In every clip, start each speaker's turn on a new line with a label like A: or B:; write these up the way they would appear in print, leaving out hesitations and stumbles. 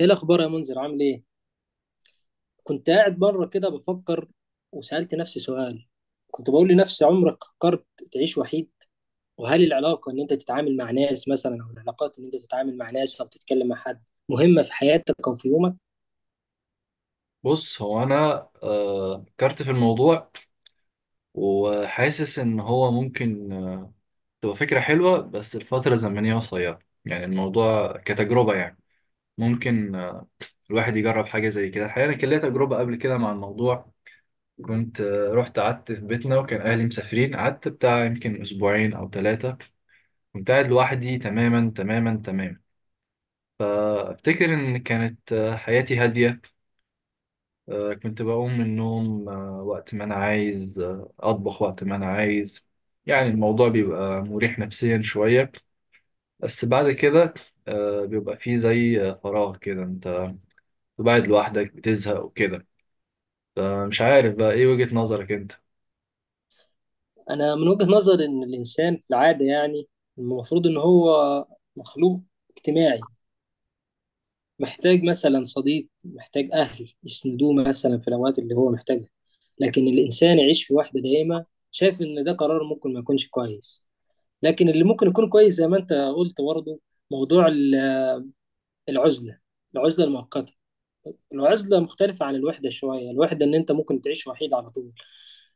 A: ايه الاخبار يا منذر؟ عامل ايه؟ كنت قاعد بره كده بفكر، وسألت نفسي سؤال. كنت بقول لنفسي: عمرك فكرت تعيش وحيد؟ وهل العلاقة ان انت تتعامل مع ناس مثلا، او العلاقات ان انت تتعامل مع ناس او تتكلم مع حد، مهمة في حياتك او في يومك؟
B: بص، هو انا فكرت في الموضوع، وحاسس ان هو ممكن تبقى فكره حلوه، بس الفتره الزمنيه قصيره. يعني الموضوع كتجربه، يعني ممكن الواحد يجرب حاجه زي كده. الحقيقه انا كان ليا تجربه قبل كده مع الموضوع، كنت رحت قعدت في بيتنا، وكان اهلي مسافرين، قعدت بتاع يمكن اسبوعين او ثلاثه. كنت قاعد لوحدي تماما تماما تماما. فافتكر ان كانت حياتي هاديه. كنت بقوم من النوم وقت ما أنا عايز، أطبخ وقت ما أنا عايز. يعني الموضوع بيبقى مريح نفسيا شوية، بس بعد كده بيبقى فيه زي فراغ كده. أنت قاعد لوحدك بتزهق وكده. فمش عارف بقى إيه وجهة نظرك أنت؟
A: انا من وجهة نظري ان الانسان في العادة، يعني المفروض ان هو مخلوق اجتماعي، محتاج مثلا صديق، محتاج اهل يسندوه مثلا في الاوقات اللي هو محتاجها. لكن الانسان يعيش في وحدة دائمة، شايف ان ده قرار ممكن ما يكونش كويس. لكن اللي ممكن يكون كويس زي ما انت قلت برضه موضوع العزله، العزله المؤقته. العزله مختلفه عن الوحده شويه. الوحده ان انت ممكن تعيش وحيد على طول،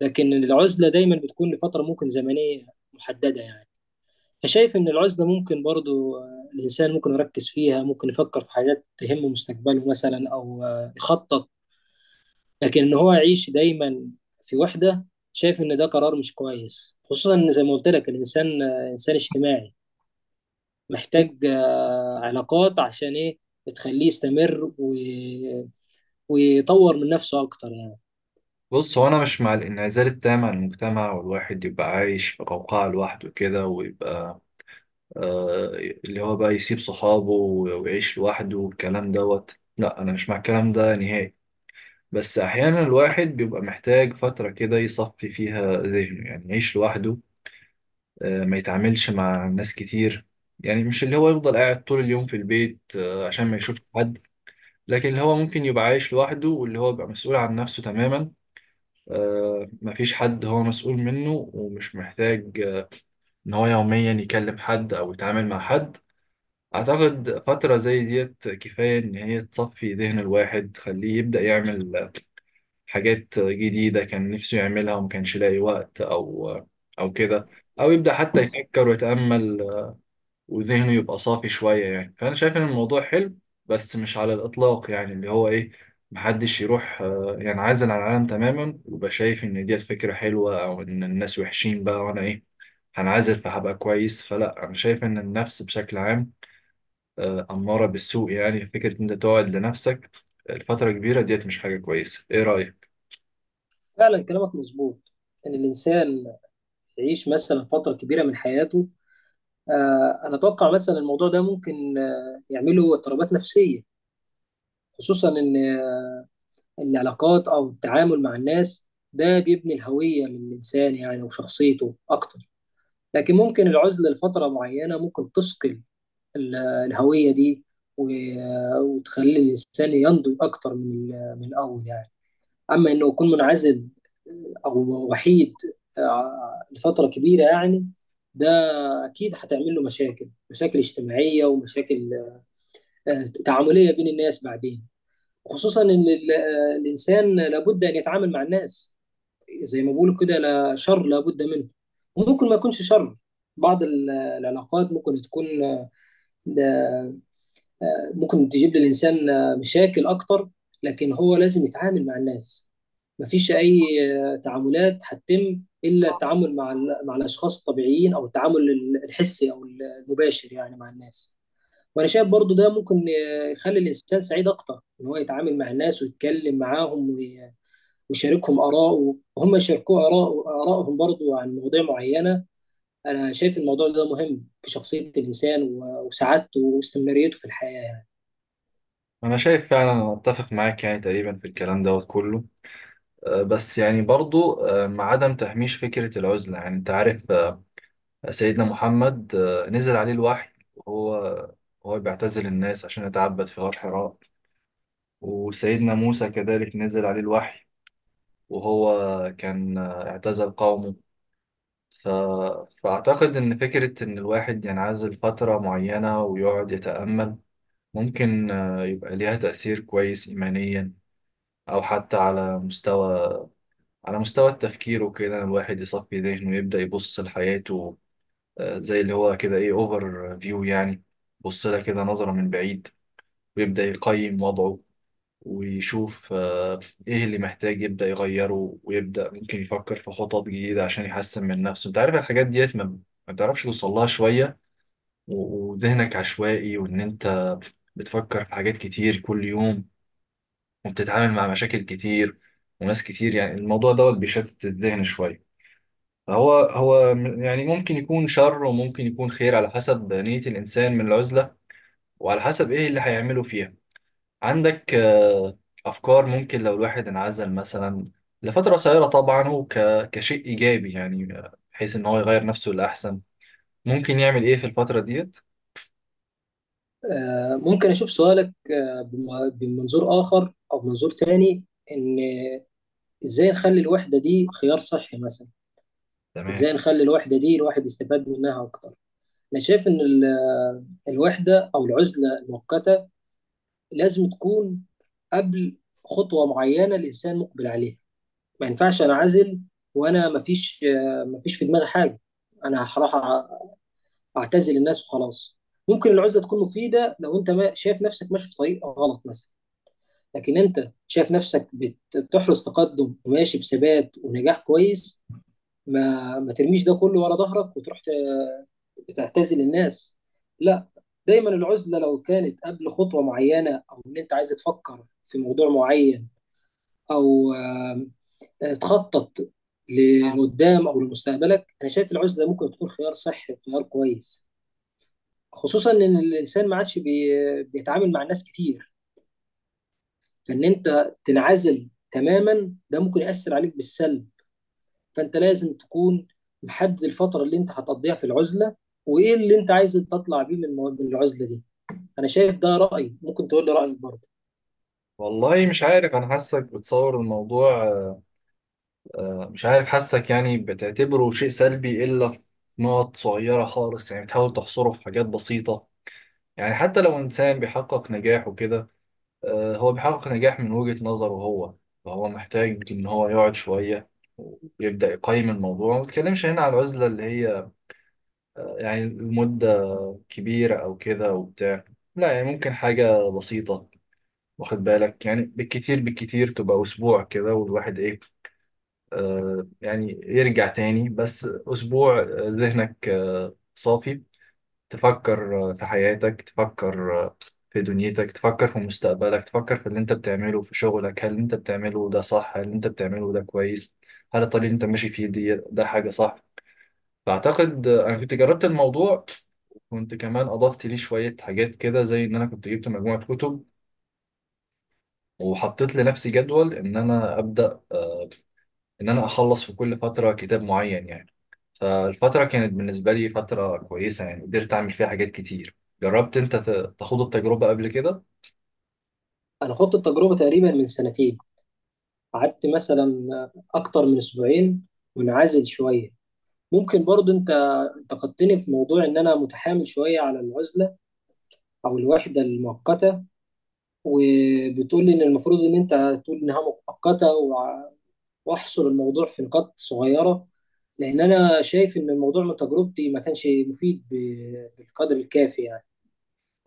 A: لكن العزله دايما بتكون لفتره ممكن زمنيه محدده يعني. فشايف ان العزله ممكن برضه، الانسان ممكن يركز فيها، ممكن يفكر في حاجات تهم مستقبله مثلا، او يخطط. لكن ان هو يعيش دايما في وحده، شايف ان ده قرار مش كويس، خصوصا ان زي ما قلت لك الانسان انسان اجتماعي، محتاج علاقات عشان ايه؟ تخليه يستمر ويطور من نفسه اكتر يعني.
B: بص، هو أنا مش مع الانعزال التام عن المجتمع، والواحد يبقى عايش في قوقعة لوحده كده، ويبقى آه، اللي هو بقى يسيب صحابه ويعيش لوحده والكلام دوت. لا، أنا مش مع الكلام ده نهائي. بس أحيانا الواحد بيبقى محتاج فترة كده يصفي فيها ذهنه، يعني يعيش لوحده، ما يتعاملش مع ناس كتير. يعني مش اللي هو يفضل قاعد طول اليوم في البيت عشان ما يشوفش حد، لكن اللي هو ممكن يبقى عايش لوحده، واللي هو بيبقى مسؤول عن نفسه تماما، مفيش حد هو مسؤول منه، ومش محتاج إن هو يوميا يكلم حد أو يتعامل مع حد. أعتقد فترة زي ديت كفاية إن هي تصفي ذهن الواحد، تخليه يبدأ يعمل حاجات جديدة كان نفسه يعملها وما كانش لاقي وقت، أو كده، أو يبدأ حتى يفكر ويتأمل، وذهنه يبقى صافي شوية. يعني فأنا شايف إن الموضوع حلو، بس مش على الإطلاق، يعني اللي هو إيه، محدش يروح ينعزل عن العالم تماما ويبقى شايف إن ديت فكرة حلوة، أو إن الناس وحشين بقى وأنا إيه، هنعزل فهبقى كويس. فلا، أنا شايف إن النفس بشكل عام أمارة بالسوء. يعني فكرة إن أنت تقعد لنفسك لفترة كبيرة ديت مش حاجة كويسة. إيه رأيك؟
A: فعلا كلامك مظبوط ان الانسان يعيش مثلا فتره كبيره من حياته. انا اتوقع مثلا الموضوع ده ممكن يعمله اضطرابات نفسيه، خصوصا ان العلاقات او التعامل مع الناس، ده بيبني الهويه من الانسان يعني وشخصيته اكتر. لكن ممكن العزله لفتره معينه ممكن تثقل الهوية دي، وتخلي الإنسان ينضج أكتر من من الأول يعني. أما إنه يكون منعزل، أو وحيد لفترة كبيرة يعني، ده أكيد هتعمل له مشاكل، مشاكل اجتماعية ومشاكل تعاملية بين الناس بعدين، خصوصا إن الإنسان لابد أن يتعامل مع الناس. زي ما بيقولوا كده: لا شر لابد منه. وممكن ما يكونش شر. بعض العلاقات ممكن تكون، ده ممكن تجيب للإنسان مشاكل أكتر، لكن هو لازم يتعامل مع الناس. مفيش أي تعاملات هتتم إلا التعامل مع مع الأشخاص الطبيعيين، أو التعامل الحسي أو المباشر يعني مع الناس. وأنا شايف برضو ده ممكن يخلي الإنسان سعيد أكتر، إن هو يتعامل مع الناس ويتكلم معاهم، ويشاركهم آراءه وهم يشاركوه آراء آرائهم برضو عن مواضيع معينة. أنا شايف الموضوع ده مهم في شخصية الإنسان، وسعادته واستمراريته في الحياة.
B: انا شايف فعلا، انا اتفق معاك يعني تقريبا في الكلام دوت كله. بس يعني برضو مع عدم تهميش فكرة العزلة. يعني انت عارف، سيدنا محمد نزل عليه الوحي، وهو بيعتزل الناس عشان يتعبد في غار حراء. وسيدنا موسى كذلك نزل عليه الوحي، وهو كان اعتزل قومه. ف... فأعتقد إن فكرة إن الواحد ينعزل فترة معينة ويقعد يتأمل ممكن يبقى ليها تأثير كويس إيمانيا، او حتى على مستوى، التفكير وكده. الواحد يصفي ذهنه ويبدأ يبص لحياته، زي اللي هو كده، ايه، اوفر فيو يعني. يبص لها كده نظرة من بعيد، ويبدأ يقيم وضعه، ويشوف ايه اللي محتاج يبدأ يغيره، ويبدأ ممكن يفكر في خطط جديدة عشان يحسن من نفسه. انت عارف الحاجات ديت ما بتعرفش توصل لها شوية، وذهنك عشوائي، وان انت بتفكر في حاجات كتير كل يوم، وبتتعامل مع مشاكل كتير وناس كتير. يعني الموضوع دوت بيشتت الذهن شوية. فهو، يعني ممكن يكون شر وممكن يكون خير على حسب نية الإنسان من العزلة، وعلى حسب إيه اللي هيعمله فيها. عندك أفكار ممكن لو الواحد انعزل مثلا لفترة قصيرة، طبعا هو كشيء إيجابي، يعني بحيث إن هو يغير نفسه لأحسن، ممكن يعمل إيه في الفترة ديت؟
A: ممكن أشوف سؤالك بمنظور آخر أو منظور تاني. إن إزاي نخلي الوحدة دي خيار صحي مثلا؟
B: تمام.
A: إزاي نخلي الوحدة دي الواحد يستفاد منها أكتر؟ أنا شايف إن الوحدة أو العزلة المؤقتة لازم تكون قبل خطوة معينة الإنسان مقبل عليها. ما ينفعش أنعزل وأنا مفيش، مفيش في دماغي حاجة. أنا هروح أعتزل الناس وخلاص. ممكن العزلة تكون مفيدة لو أنت ما شايف نفسك ماشي في طريق غلط مثلا. لكن انت شايف نفسك بتحرز تقدم وماشي بثبات ونجاح كويس، ما ترميش ده كله ورا ظهرك وتروح تعتزل الناس. لا. دايما العزلة لو كانت قبل خطوة معينة، او ان انت عايز تفكر في موضوع معين، او آم، آه، تخطط لقدام او لمستقبلك، انا شايف العزلة ممكن تكون خيار صحي وخيار كويس، خصوصا ان الانسان ما عادش بيتعامل مع ناس كتير. فان انت تنعزل تماما ده ممكن يأثر عليك بالسلب. فانت لازم تكون محدد الفتره اللي انت هتقضيها في العزله، وايه اللي انت عايز تطلع بيه من من العزله دي. انا شايف ده رايي، ممكن تقول لي رايك برضه.
B: والله مش عارف، أنا حاسك بتصور الموضوع مش عارف، حاسك يعني بتعتبره شيء سلبي إلا في نقط صغيرة خالص. يعني بتحاول تحصره في حاجات بسيطة. يعني حتى لو إنسان بيحقق نجاح وكده، هو بيحقق نجاح من وجهة نظره هو، فهو محتاج إن هو يقعد شوية ويبدأ يقيم الموضوع. ما بتكلمش هنا على العزلة اللي هي يعني المدة كبيرة أو كده وبتاع، لا، يعني ممكن حاجة بسيطة واخد بالك. يعني بالكتير بالكتير تبقى أسبوع كده، والواحد إيه، يعني يرجع تاني. بس أسبوع ذهنك صافي، تفكر في حياتك، تفكر في دنيتك، تفكر في مستقبلك، تفكر في اللي أنت بتعمله في شغلك، هل أنت بتعمله ده صح، هل أنت بتعمله ده كويس، هل الطريق اللي أنت ماشي فيه دي ده حاجة صح؟ فأعتقد أنا كنت جربت الموضوع، وكنت كمان أضفت ليه شوية حاجات كده، زي إن أنا كنت جبت مجموعة كتب، وحطيت لنفسي جدول إن أنا أبدأ ان انا اخلص في كل فتره كتاب معين، يعني. فالفتره كانت بالنسبه لي فتره كويسه، يعني قدرت اعمل فيها حاجات كتير. جربت انت تخوض التجربه قبل كده؟
A: انا خدت التجربه تقريبا من سنتين، قعدت مثلا اكتر من اسبوعين منعزل شويه. ممكن برضه انت انتقدتني في موضوع ان انا متحامل شويه على العزله او الوحده المؤقته، وبتقول لي ان المفروض ان انت تقول انها مؤقته، واحصر الموضوع في نقاط صغيره، لان انا شايف ان الموضوع من تجربتي ما كانش مفيد بالقدر الكافي يعني.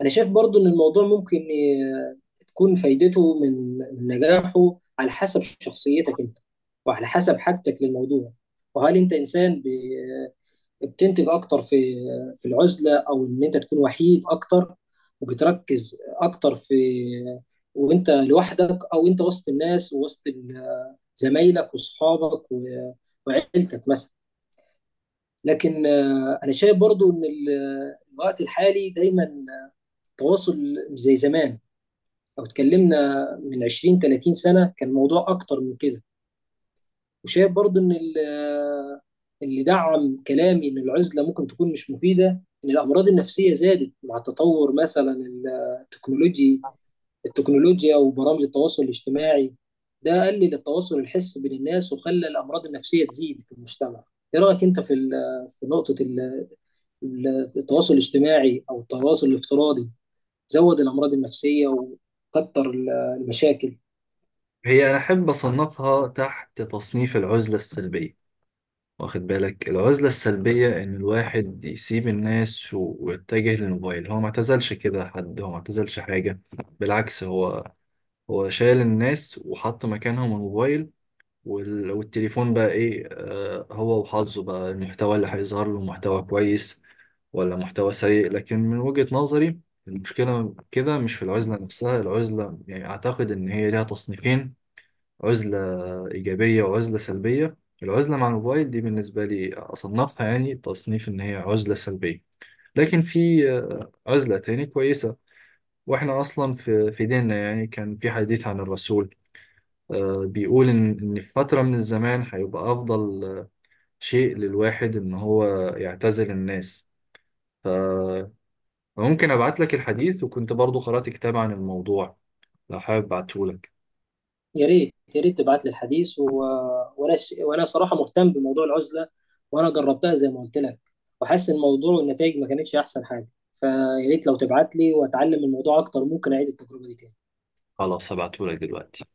A: انا شايف برضو ان الموضوع تكون فايدته من نجاحه على حسب شخصيتك انت، وعلى حسب حاجتك للموضوع. وهل انت انسان بتنتج اكتر في العزله، او ان انت تكون وحيد اكتر وبتركز اكتر، في وانت لوحدك، او انت وسط الناس ووسط زمايلك واصحابك، وعيلتك مثلا. لكن انا شايف برضو ان الوقت الحالي دايما التواصل مش زي زمان. لو اتكلمنا من 20 30 سنه كان الموضوع اكتر من كده. وشايف برضو ان اللي دعم كلامي ان العزله ممكن تكون مش مفيده، ان الامراض النفسيه زادت مع تطور مثلا التكنولوجي التكنولوجيا وبرامج التواصل الاجتماعي. ده قلل التواصل الحسي بين الناس وخلى الامراض النفسيه تزيد في المجتمع. ايه رايك انت في نقطه التواصل الاجتماعي، او التواصل الافتراضي زود الامراض النفسيه وكتر المشاكل؟
B: هي أنا أحب أصنفها تحت تصنيف العزلة السلبية. واخد بالك، العزلة السلبية إن الواحد يسيب الناس ويتجه للموبايل. هو ما اعتزلش كده حد، هو ما اعتزلش حاجة. بالعكس، هو شال الناس وحط مكانهم الموبايل. والتليفون بقى ايه، هو وحظه، بقى المحتوى اللي هيظهر له محتوى كويس ولا محتوى سيء. لكن من وجهة نظري المشكلة كده مش في العزلة نفسها. العزلة يعني أعتقد إن هي ليها تصنيفين، عزلة إيجابية وعزلة سلبية. العزلة مع الموبايل دي بالنسبة لي أصنفها يعني تصنيف إن هي عزلة سلبية. لكن في عزلة تاني كويسة. وإحنا أصلا في ديننا، يعني كان في حديث عن الرسول بيقول إن، في فترة من الزمان هيبقى أفضل شيء للواحد إن هو يعتزل الناس. فممكن أبعت لك الحديث، وكنت برضو قرأت كتاب عن الموضوع، لو حابب أبعته لك.
A: يا ريت يا ريت تبعت لي الحديث. وانا صراحه مهتم بموضوع العزله، وانا جربتها زي ما قلت لك، وحاسس إن الموضوع والنتائج ما كانتش احسن حاجه. فيا ريت لو تبعت لي واتعلم الموضوع اكتر، ممكن اعيد التجربه دي تاني.
B: خلاص هبعته لك دلوقتي